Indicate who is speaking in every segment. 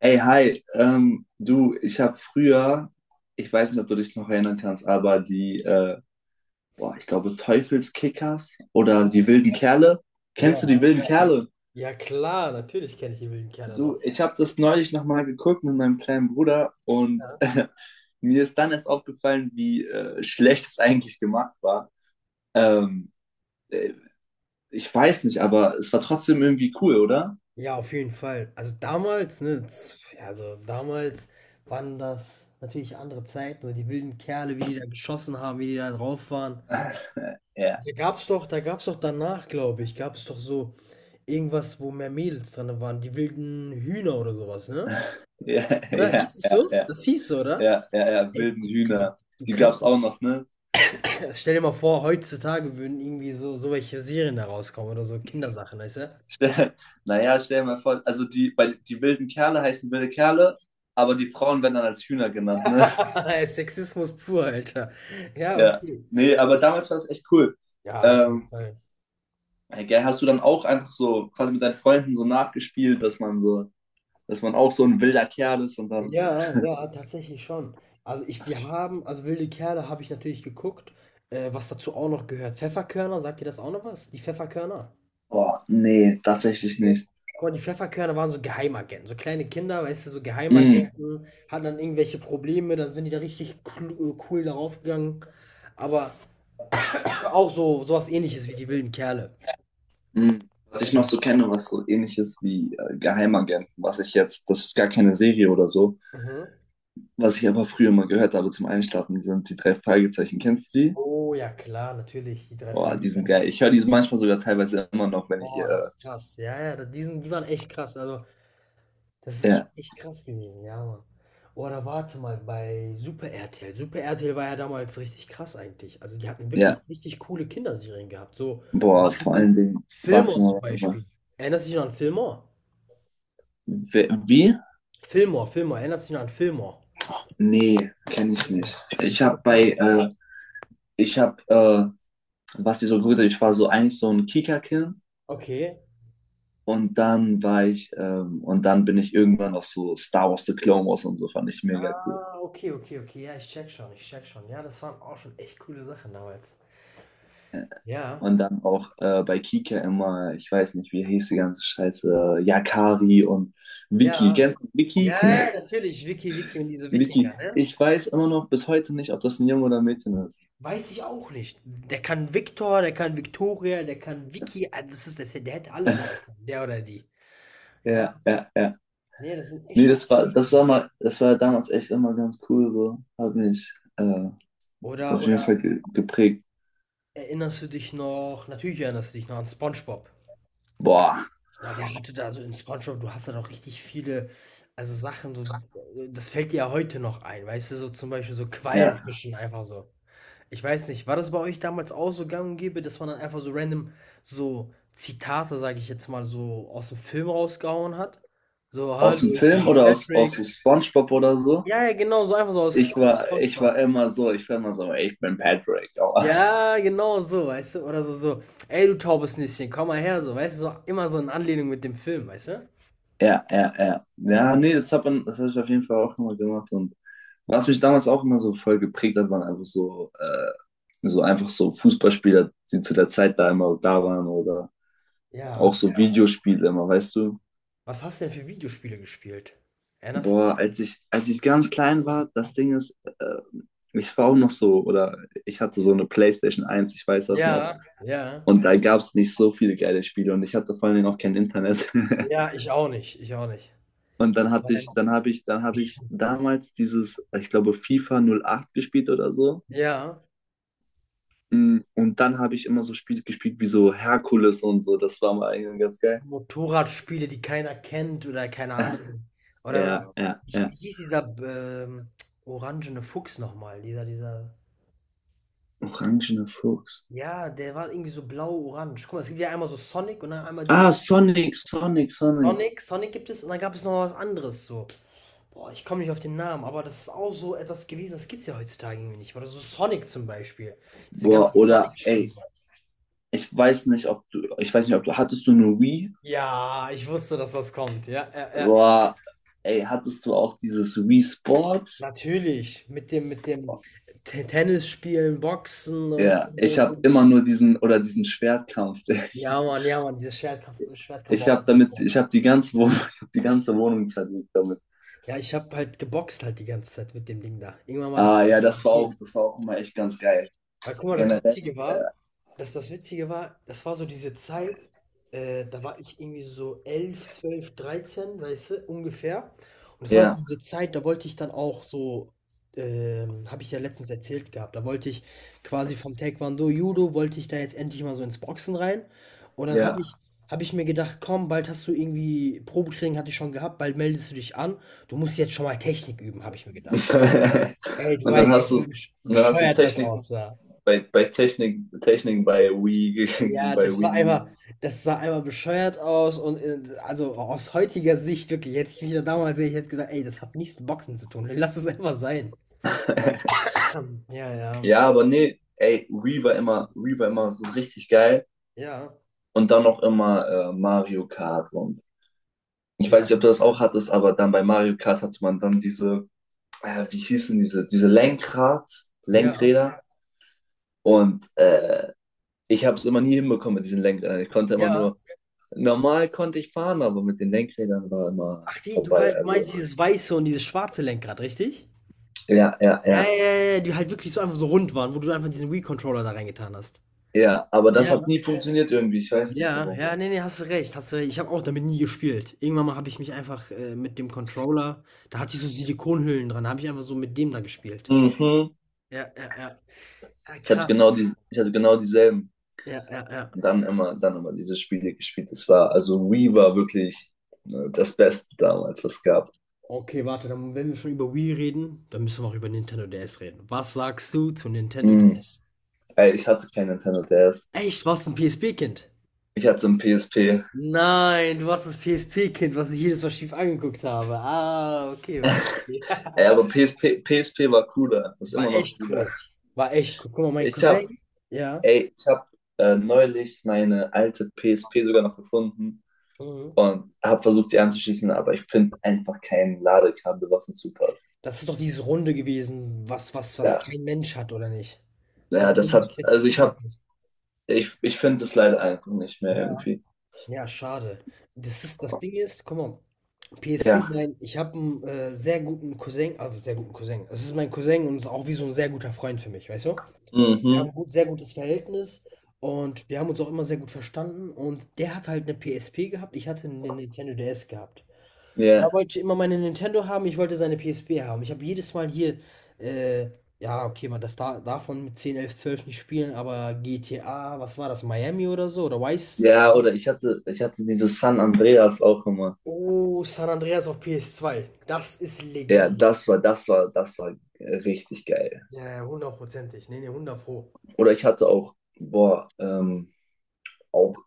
Speaker 1: Ey, hi, du, ich habe früher, ich weiß nicht, ob du dich noch erinnern kannst, aber die, boah, ich glaube, Teufelskickers oder die wilden Kerle. Kennst du die
Speaker 2: Ja,
Speaker 1: wilden Kerle?
Speaker 2: ja klar, natürlich kenne ich die wilden Kerle noch.
Speaker 1: Du, ich habe das neulich nochmal geguckt mit meinem kleinen Bruder und mir ist dann erst aufgefallen, wie schlecht es eigentlich gemacht war. Ähm, äh, ich weiß nicht, aber es war trotzdem irgendwie cool, oder?
Speaker 2: Ja, auf jeden Fall. Also damals, ne, ja, also damals waren das natürlich andere Zeiten, so die wilden Kerle, wie die da geschossen haben, wie die da drauf waren.
Speaker 1: Ja,
Speaker 2: Da gab's doch danach, glaube ich, gab es doch so irgendwas, wo mehr Mädels drin waren, die wilden Hühner oder sowas, ne?
Speaker 1: ja, ja,
Speaker 2: Oder?
Speaker 1: ja,
Speaker 2: Hieß es so?
Speaker 1: ja,
Speaker 2: Das hieß so, oder?
Speaker 1: ja, ja, ja,
Speaker 2: Ey,
Speaker 1: wilden
Speaker 2: du, du,
Speaker 1: Hühner.
Speaker 2: du
Speaker 1: Die
Speaker 2: kannst,
Speaker 1: gab's auch noch, ne?
Speaker 2: stell dir mal vor, heutzutage würden irgendwie so welche Serien da rauskommen oder so Kindersachen, weißt du?
Speaker 1: Stell, naja, stell dir mal vor, also die, bei, die wilden Kerle heißen wilde Kerle, aber die Frauen werden dann als Hühner genannt, ne?
Speaker 2: Sexismus pur, Alter. Ja,
Speaker 1: Ja.
Speaker 2: okay.
Speaker 1: Nee, aber damals war das echt cool.
Speaker 2: Ja, auf jeden
Speaker 1: Ähm,
Speaker 2: Fall.
Speaker 1: ey, gell, hast du dann auch einfach so quasi mit deinen Freunden so nachgespielt, dass man so, dass man auch so ein wilder Kerl ist und dann,
Speaker 2: Ja, ja, tatsächlich schon. Also ich wir haben, also „Wilde Kerle“ habe ich natürlich geguckt, was dazu auch noch gehört. „Pfefferkörner“, sagt dir das auch noch was? Die „Pfefferkörner“?
Speaker 1: boah, nee, tatsächlich
Speaker 2: Ne?
Speaker 1: nicht.
Speaker 2: Guck mal, die „Pfefferkörner“ waren so Geheimagenten, so kleine Kinder, weißt du, so
Speaker 1: Mm,
Speaker 2: Geheimagenten, hatten dann irgendwelche Probleme, dann sind die da richtig clu cool darauf gegangen. Aber auch so was Ähnliches wie die „Wilden Kerle“.
Speaker 1: mm. Was ich noch
Speaker 2: Ja.
Speaker 1: so kenne, was so ähnlich ist wie Geheimagenten, was ich jetzt, das ist gar keine Serie oder so,
Speaker 2: Mhm.
Speaker 1: was ich aber früher mal gehört habe zum Einschlafen, sind die drei Fragezeichen. Kennst du die?
Speaker 2: Oh ja, klar, natürlich, die 3
Speaker 1: Boah, die sind geil.
Speaker 2: Fragezeichen.
Speaker 1: Ich höre die manchmal sogar teilweise immer noch, wenn ich,
Speaker 2: Boah, das ist krass. Ja, ja, die sind, die waren echt krass. Also, das ist schon
Speaker 1: ja,
Speaker 2: echt krass gewesen, ja, Mann. Oder warte mal, bei Super RTL. Super RTL war ja damals richtig krass eigentlich. Also, die hatten wirklich
Speaker 1: ja.
Speaker 2: richtig coole Kinderserien gehabt. So, so
Speaker 1: Boah,
Speaker 2: Sachen
Speaker 1: vor
Speaker 2: wie
Speaker 1: allen Dingen, warte
Speaker 2: Fillmore
Speaker 1: mal,
Speaker 2: zum
Speaker 1: warte mal.
Speaker 2: Beispiel. Erinnerst du dich noch an Fillmore?
Speaker 1: Wie?
Speaker 2: Fillmore, Fillmore. Erinnerst du dich noch an Fillmore?
Speaker 1: Nee, kenne ich
Speaker 2: Fillmore.
Speaker 1: nicht. Ich habe bei, ich habe, was die so gut, ich war so eigentlich so ein Kika-Kind
Speaker 2: Okay.
Speaker 1: und dann war ich, und dann bin ich irgendwann auf so Star Wars The Clone Wars und so, fand ich mega cool.
Speaker 2: Ah, okay, okay, okay. Ja, ich check schon. Ja, das waren auch schon echt coole Sachen damals.
Speaker 1: Ja.
Speaker 2: Ja.
Speaker 1: Und dann auch bei Kika immer, ich weiß nicht, wie hieß die ganze Scheiße, Yakari und Vicky.
Speaker 2: Ja.
Speaker 1: Kennst du
Speaker 2: Ja,
Speaker 1: Vicky?
Speaker 2: ja, ja, natürlich, Wiki, Wiki, diese
Speaker 1: Vicky,
Speaker 2: Wikinger, ne?
Speaker 1: ich weiß immer noch bis heute nicht, ob das ein Junge oder ein Mädchen ist.
Speaker 2: Weiß ich auch nicht. Der kann Viktor, der kann Victoria, der kann Wiki, also der hätte alle sein können, der oder die. Ja,
Speaker 1: Ja, ja, ja.
Speaker 2: nee, das sind echt
Speaker 1: Nee,
Speaker 2: schon coole
Speaker 1: das
Speaker 2: Namen.
Speaker 1: war mal, das war damals echt immer ganz cool, so. Hat mich
Speaker 2: Oder,
Speaker 1: auf jeden
Speaker 2: oder
Speaker 1: Fall ge geprägt.
Speaker 2: erinnerst du dich noch, natürlich erinnerst du dich noch an SpongeBob.
Speaker 1: Boah,
Speaker 2: Ja, der hatte da so in SpongeBob, du hast da doch richtig viele, also Sachen, so, das fällt dir ja heute noch ein, weißt du, so zum Beispiel so
Speaker 1: ja.
Speaker 2: Quallenfischen einfach so. Ich weiß nicht, war das bei euch damals auch so gang und gäbe, dass man dann einfach so random so Zitate, sage ich jetzt mal, so aus dem Film rausgehauen hat? So,
Speaker 1: Aus
Speaker 2: hallo,
Speaker 1: dem
Speaker 2: ich
Speaker 1: Film
Speaker 2: bin's
Speaker 1: oder aus
Speaker 2: Patrick.
Speaker 1: so SpongeBob oder so?
Speaker 2: Ja, ja, genau, so einfach so aus,
Speaker 1: Ich
Speaker 2: aus
Speaker 1: war, ich
Speaker 2: SpongeBob.
Speaker 1: war immer so, ich war immer so, ey, ich bin Patrick.
Speaker 2: Ja, genau so, weißt du? Oder so, ey, du taubes Nüsschen, komm mal her, so, weißt du? So, immer so in Anlehnung mit dem Film, weißt du?
Speaker 1: Ja, ja, ja.
Speaker 2: Ja.
Speaker 1: Ja, nee, das hat man, das habe ich auf jeden Fall auch immer gemacht. Und was mich damals auch immer so voll geprägt hat, waren einfach so, so einfach so Fußballspieler, die zu der Zeit da immer da waren oder
Speaker 2: Ja.
Speaker 1: auch so, ja, Videospiele immer, weißt du?
Speaker 2: Was hast du denn für Videospiele gespielt? Erinnerst du
Speaker 1: Boah,
Speaker 2: dich?
Speaker 1: als ich ganz klein war, das Ding ist, äh, ich war auch noch so, oder ich hatte so eine PlayStation 1, ich weiß das noch.
Speaker 2: Ja. Ja.
Speaker 1: Und da, mhm, gab es nicht so viele geile Spiele und ich hatte vor allen Dingen auch kein Internet.
Speaker 2: Ja, ich auch nicht.
Speaker 1: Und
Speaker 2: Das war ein...
Speaker 1: dann habe ich damals dieses, ich glaube, FIFA 08 gespielt oder so.
Speaker 2: Ja.
Speaker 1: Und dann habe ich immer so Spiele gespielt wie so Herkules und so. Das war mal eigentlich ganz geil.
Speaker 2: Motorradspiele, die keiner kennt oder keine Ahnung. Oder
Speaker 1: Ja,
Speaker 2: ja,
Speaker 1: ja,
Speaker 2: wie
Speaker 1: ja.
Speaker 2: hieß dieser ähm, orangene Fuchs nochmal? Dieser.
Speaker 1: Orangener Fuchs.
Speaker 2: Ja, der war irgendwie so blau-orange. Guck mal, es gibt ja einmal so Sonic und dann einmal diese
Speaker 1: Ah, Sonic, Sonic, Sonic.
Speaker 2: Sonic, Sonic gibt es und dann gab es noch was anderes so. Boah, ich komme nicht auf den Namen, aber das ist auch so etwas gewesen, das gibt es ja heutzutage irgendwie nicht. Oder so Sonic zum Beispiel. Diese ganzen
Speaker 1: Boah, oder
Speaker 2: Sonic-Spiele.
Speaker 1: ey, ich weiß nicht, ob du, ich weiß nicht, ob du, hattest du eine Wii?
Speaker 2: Ja, ich wusste, dass das kommt. Ja, ja, ja.
Speaker 1: Boah, ey, hattest du auch dieses Wii Sports?
Speaker 2: Natürlich, mit dem
Speaker 1: Boah,
Speaker 2: Te Tennis spielen, Boxen
Speaker 1: ja, ich
Speaker 2: und
Speaker 1: habe
Speaker 2: und.
Speaker 1: immer nur diesen oder diesen Schwertkampf.
Speaker 2: Ja, Mann, dieses Schwertkampf
Speaker 1: Ich
Speaker 2: war
Speaker 1: habe
Speaker 2: auch nicht.
Speaker 1: damit, ich habe die ganze Wohnung, ich habe die ganze Wohnung zerlegt damit.
Speaker 2: Ja, ich habe halt geboxt halt die ganze Zeit mit dem Ding da. Irgendwann mal dachte
Speaker 1: Ah ja,
Speaker 2: ich:
Speaker 1: das war
Speaker 2: „Okay.“
Speaker 1: auch, das war auch immer echt ganz geil.
Speaker 2: Weil guck mal,
Speaker 1: Generell. Äh,
Speaker 2: Das Witzige war, das war so diese Zeit, da war ich irgendwie so 11 12 13, weißt du, ungefähr. Und das war so
Speaker 1: ja,
Speaker 2: diese Zeit, da wollte ich dann auch so, habe ich ja letztens erzählt gehabt, da wollte ich quasi vom Taekwondo, Judo, wollte ich da jetzt endlich mal so ins Boxen rein. Und dann
Speaker 1: ja.
Speaker 2: habe ich, habe ich mir gedacht, komm, bald hast du irgendwie, Probetraining hatte ich schon gehabt, bald meldest du dich an, du musst jetzt schon mal Technik üben, habe ich mir gedacht. Ey, du
Speaker 1: Und dann
Speaker 2: weißt
Speaker 1: hast
Speaker 2: nicht,
Speaker 1: du,
Speaker 2: wie
Speaker 1: und dann hast du
Speaker 2: bescheuert das
Speaker 1: Technik
Speaker 2: aussah.
Speaker 1: bei Technik, Technik bei Wii,
Speaker 2: Ja,
Speaker 1: bei
Speaker 2: das war
Speaker 1: Wii.
Speaker 2: einmal Das sah einmal bescheuert aus und, also aus heutiger Sicht wirklich, hätte ich mich da damals gesehen, ich hätte gesagt: „Ey, das hat nichts mit Boxen zu tun. Lass es einfach sein.“ Ja, ja.
Speaker 1: Ja, aber nee, ey, Wii war immer so richtig geil.
Speaker 2: Ja,
Speaker 1: Und dann noch immer Mario Kart. Und ich weiß
Speaker 2: ja,
Speaker 1: nicht, ob du das auch hattest, aber dann bei Mario Kart hatte man dann diese, wie hießen diese
Speaker 2: ja,
Speaker 1: Lenkräder. Und ich habe es immer nie hinbekommen mit diesen Lenkrädern. Ich konnte immer
Speaker 2: ja.
Speaker 1: nur, normal konnte ich fahren, aber mit den Lenkrädern war
Speaker 2: Ach,
Speaker 1: immer
Speaker 2: die du
Speaker 1: vorbei.
Speaker 2: wei du
Speaker 1: Also,
Speaker 2: meinst dieses weiße und dieses schwarze Lenkrad, richtig?
Speaker 1: ja, ja,
Speaker 2: Ja, ja,
Speaker 1: ja,
Speaker 2: ja, ja, die halt wirklich so einfach so rund waren, wo du einfach diesen Wii-Controller da reingetan hast.
Speaker 1: ja. Aber das
Speaker 2: Ja,
Speaker 1: hat nie funktioniert irgendwie. Ich weiß nicht
Speaker 2: ja,
Speaker 1: warum.
Speaker 2: ja, ne, ne, hast du recht, hast du recht. Ich habe auch damit nie gespielt. Irgendwann mal habe ich mich einfach, mit dem Controller, da hatte ich so Silikonhüllen dran, da habe ich einfach so mit dem da gespielt.
Speaker 1: Mhm.
Speaker 2: Ja, ja, ja. Ja,
Speaker 1: Ich hatte genau
Speaker 2: krass.
Speaker 1: die, ich hatte genau dieselben.
Speaker 2: Ja, ja, ja.
Speaker 1: Dann immer diese Spiele gespielt. Das war, also Wii war wirklich das Beste damals, was es gab.
Speaker 2: Okay, warte, dann, wenn wir schon über Wii reden, dann müssen wir auch über Nintendo DS reden. Was sagst du zu Nintendo
Speaker 1: Mhm.
Speaker 2: DS?
Speaker 1: Ey, ich hatte kein Nintendo DS.
Speaker 2: Echt, warst du ein PSP-Kind?
Speaker 1: Ich hatte so ein PSP.
Speaker 2: Nein, du warst das PSP-Kind, was ich jedes Mal schief angeguckt habe. Ah, okay, okay, okay.
Speaker 1: Ey, aber PSP, PSP war cooler. Ist
Speaker 2: War
Speaker 1: immer noch
Speaker 2: echt
Speaker 1: cooler.
Speaker 2: cool. War echt cool. Guck mal, mein
Speaker 1: Ich
Speaker 2: Cousin,
Speaker 1: habe
Speaker 2: ja,
Speaker 1: Ey, ich habe neulich meine alte PSP sogar noch gefunden
Speaker 2: Mhm,
Speaker 1: und habe versucht, sie anzuschließen, aber ich finde einfach kein Ladekabel, was dazu passt.
Speaker 2: das ist doch diese Runde gewesen, was
Speaker 1: Ja,
Speaker 2: kein Mensch hat, oder nicht? So
Speaker 1: ja,
Speaker 2: ein
Speaker 1: das
Speaker 2: Runde
Speaker 1: hat, also
Speaker 2: Textil.
Speaker 1: ich finde es leider einfach nicht mehr
Speaker 2: Ja,
Speaker 1: irgendwie.
Speaker 2: ja, schade. Das Ding ist, guck mal, PSP,
Speaker 1: Ja,
Speaker 2: mein ich habe einen sehr guten Cousin, also, sehr guten Cousin. Es ist mein Cousin und ist auch wie so ein sehr guter Freund für mich, weißt du? Wir haben
Speaker 1: mhm,
Speaker 2: ein sehr gutes Verhältnis und wir haben uns auch immer sehr gut verstanden und der hat halt 'ne PSP gehabt, ich hatte eine Nintendo DS gehabt. Er
Speaker 1: ja,
Speaker 2: wollte immer meine Nintendo haben, ich wollte seine PSP haben. Ich habe jedes Mal hier, äh ja, okay, man das da davon mit 10, 11, 12 nicht spielen, aber GTA, was war das, Miami oder so oder Vice?
Speaker 1: ja, oder ich hatte dieses San Andreas auch immer.
Speaker 2: Oh, San Andreas auf PS2, das ist
Speaker 1: Ja,
Speaker 2: Legende.
Speaker 1: das war richtig geil.
Speaker 2: Ja, ja, hundertprozentig. Ne, ne, hundertpro.
Speaker 1: Oder ich hatte auch, boah, auch,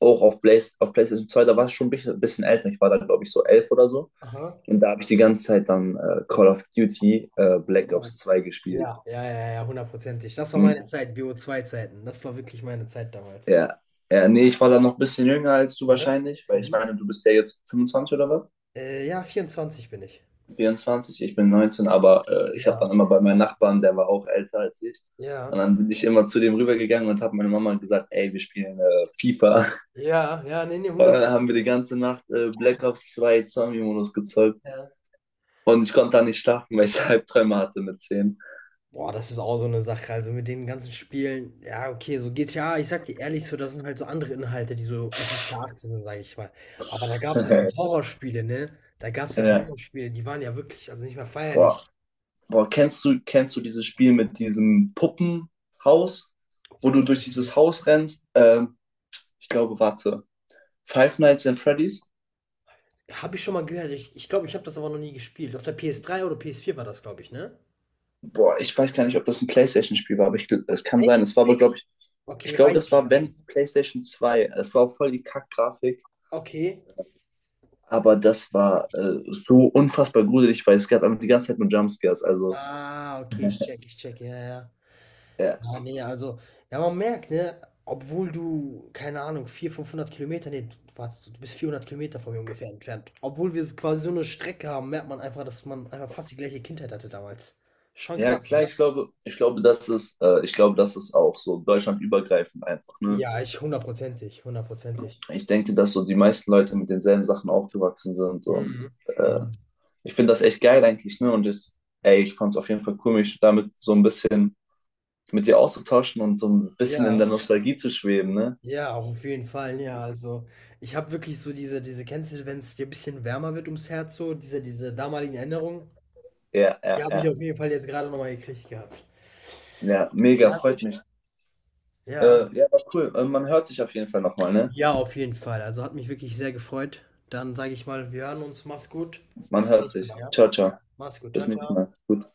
Speaker 1: auch auf PlayStation 2, da war es schon ein bisschen, bisschen älter. Ich war da, glaube ich, so 11 oder so.
Speaker 2: Aha.
Speaker 1: Und da habe ich die ganze Zeit dann Call of Duty Black
Speaker 2: Genau.
Speaker 1: Ops 2 gespielt.
Speaker 2: Ja, ja, ja, ja, hundertprozentig. Das war
Speaker 1: Hm,
Speaker 2: meine Zeit, bo zwei zeiten, das war wirklich meine Zeit damals.
Speaker 1: ja. Ja, nee, ich war da noch ein bisschen jünger als du
Speaker 2: Mhm.
Speaker 1: wahrscheinlich, weil ich
Speaker 2: Mhm.
Speaker 1: meine, du bist ja jetzt 25 oder was?
Speaker 2: Ja, 24 bin ich.
Speaker 1: 24, ich bin 19, aber ich habe
Speaker 2: Ja.
Speaker 1: dann immer bei meinem Nachbarn, der war auch älter als ich. Und
Speaker 2: Ja.
Speaker 1: dann bin ich immer zu dem rübergegangen und habe meine Mama gesagt, ey, wir spielen FIFA.
Speaker 2: Ja, ja, ne, ne,
Speaker 1: Und
Speaker 2: 100.
Speaker 1: dann haben wir die ganze Nacht Black Ops 2 Zombie-Modus gezockt.
Speaker 2: Ja.
Speaker 1: Und ich konnte da nicht schlafen, weil ich Albträume hatte mit 10
Speaker 2: Boah, das ist auch so eine Sache. Also, mit den ganzen Spielen, ja, okay, so GTA, ich sag dir ehrlich, so das sind halt so andere Inhalte, die so FSK 18 sind, sage ich mal. Aber da gab's ja so Horrorspiele, ne? Da gab's ja
Speaker 1: ja.
Speaker 2: Horrorspiele, die waren ja wirklich, also, nicht mehr
Speaker 1: Boah,
Speaker 2: feierlich.
Speaker 1: Boah, kennst du dieses Spiel mit diesem Puppenhaus, wo du durch dieses Haus rennst? Ich glaube, warte. Five Nights at Freddy's?
Speaker 2: Habe ich schon mal gehört. Ich glaube, ich habe das aber noch nie gespielt. Auf der PS3 oder PS4 war das, glaube ich, ne?
Speaker 1: Boah, ich weiß gar nicht, ob das ein PlayStation-Spiel war, aber es kann sein.
Speaker 2: Echt?
Speaker 1: Es war aber, glaube ich, ich
Speaker 2: Okay,
Speaker 1: glaube,
Speaker 2: weiß
Speaker 1: das
Speaker 2: ich. Ja.
Speaker 1: war, wenn, PlayStation 2. Es war auch voll die Kackgrafik,
Speaker 2: Okay.
Speaker 1: aber das war so unfassbar gruselig, weil es gab einfach die ganze Zeit nur Jumpscares. Also,
Speaker 2: Ah, okay, ich check, ich check, ja, ja.
Speaker 1: ja.
Speaker 2: Ja, nee, also, ja, man merkt, ne, obwohl du, keine Ahnung, 400, 500 km, nee, du, warte, du bist 400 km von mir ungefähr entfernt. Obwohl wir quasi so eine Strecke haben, merkt man einfach, dass man einfach fast die gleiche Kindheit hatte damals. Schon
Speaker 1: Ja,
Speaker 2: krass,
Speaker 1: klar,
Speaker 2: oder?
Speaker 1: ich glaube, das ist, ich glaube, das ist auch so deutschlandübergreifend einfach, ne?
Speaker 2: Ja, ich hundertprozentig, hundertprozentig.
Speaker 1: Ich denke, dass so die meisten Leute mit denselben Sachen aufgewachsen sind und
Speaker 2: Mhm.
Speaker 1: äh, ich finde das echt geil eigentlich, ne? Ey, ich fand es auf jeden Fall cool, mich damit so ein bisschen mit dir auszutauschen und so ein bisschen in der
Speaker 2: Ja.
Speaker 1: Nostalgie zu schweben, ne?
Speaker 2: Ja, auch auf jeden Fall, ja. Also, ich habe wirklich so diese kennst du, wenn es dir ein bisschen wärmer wird ums Herz so, diese damaligen Erinnerungen,
Speaker 1: Ja,
Speaker 2: die
Speaker 1: ja,
Speaker 2: habe ich
Speaker 1: ja.
Speaker 2: auf jeden Fall jetzt gerade noch mal gekriegt gehabt.
Speaker 1: Ja, mega,
Speaker 2: Ja,
Speaker 1: freut
Speaker 2: gut.
Speaker 1: mich.
Speaker 2: Ja.
Speaker 1: Ja, war cool. Man hört sich auf jeden Fall nochmal, ne?
Speaker 2: Ja, auf jeden Fall. Also, hat mich wirklich sehr gefreut. Dann sage ich mal, wir hören uns. Mach's gut.
Speaker 1: Man
Speaker 2: Bis zum
Speaker 1: hört
Speaker 2: nächsten
Speaker 1: sich.
Speaker 2: Mal, ja?
Speaker 1: Ciao, ciao.
Speaker 2: Mach's gut.
Speaker 1: Bis
Speaker 2: Ciao,
Speaker 1: nächstes Mal.
Speaker 2: ciao.
Speaker 1: Gut.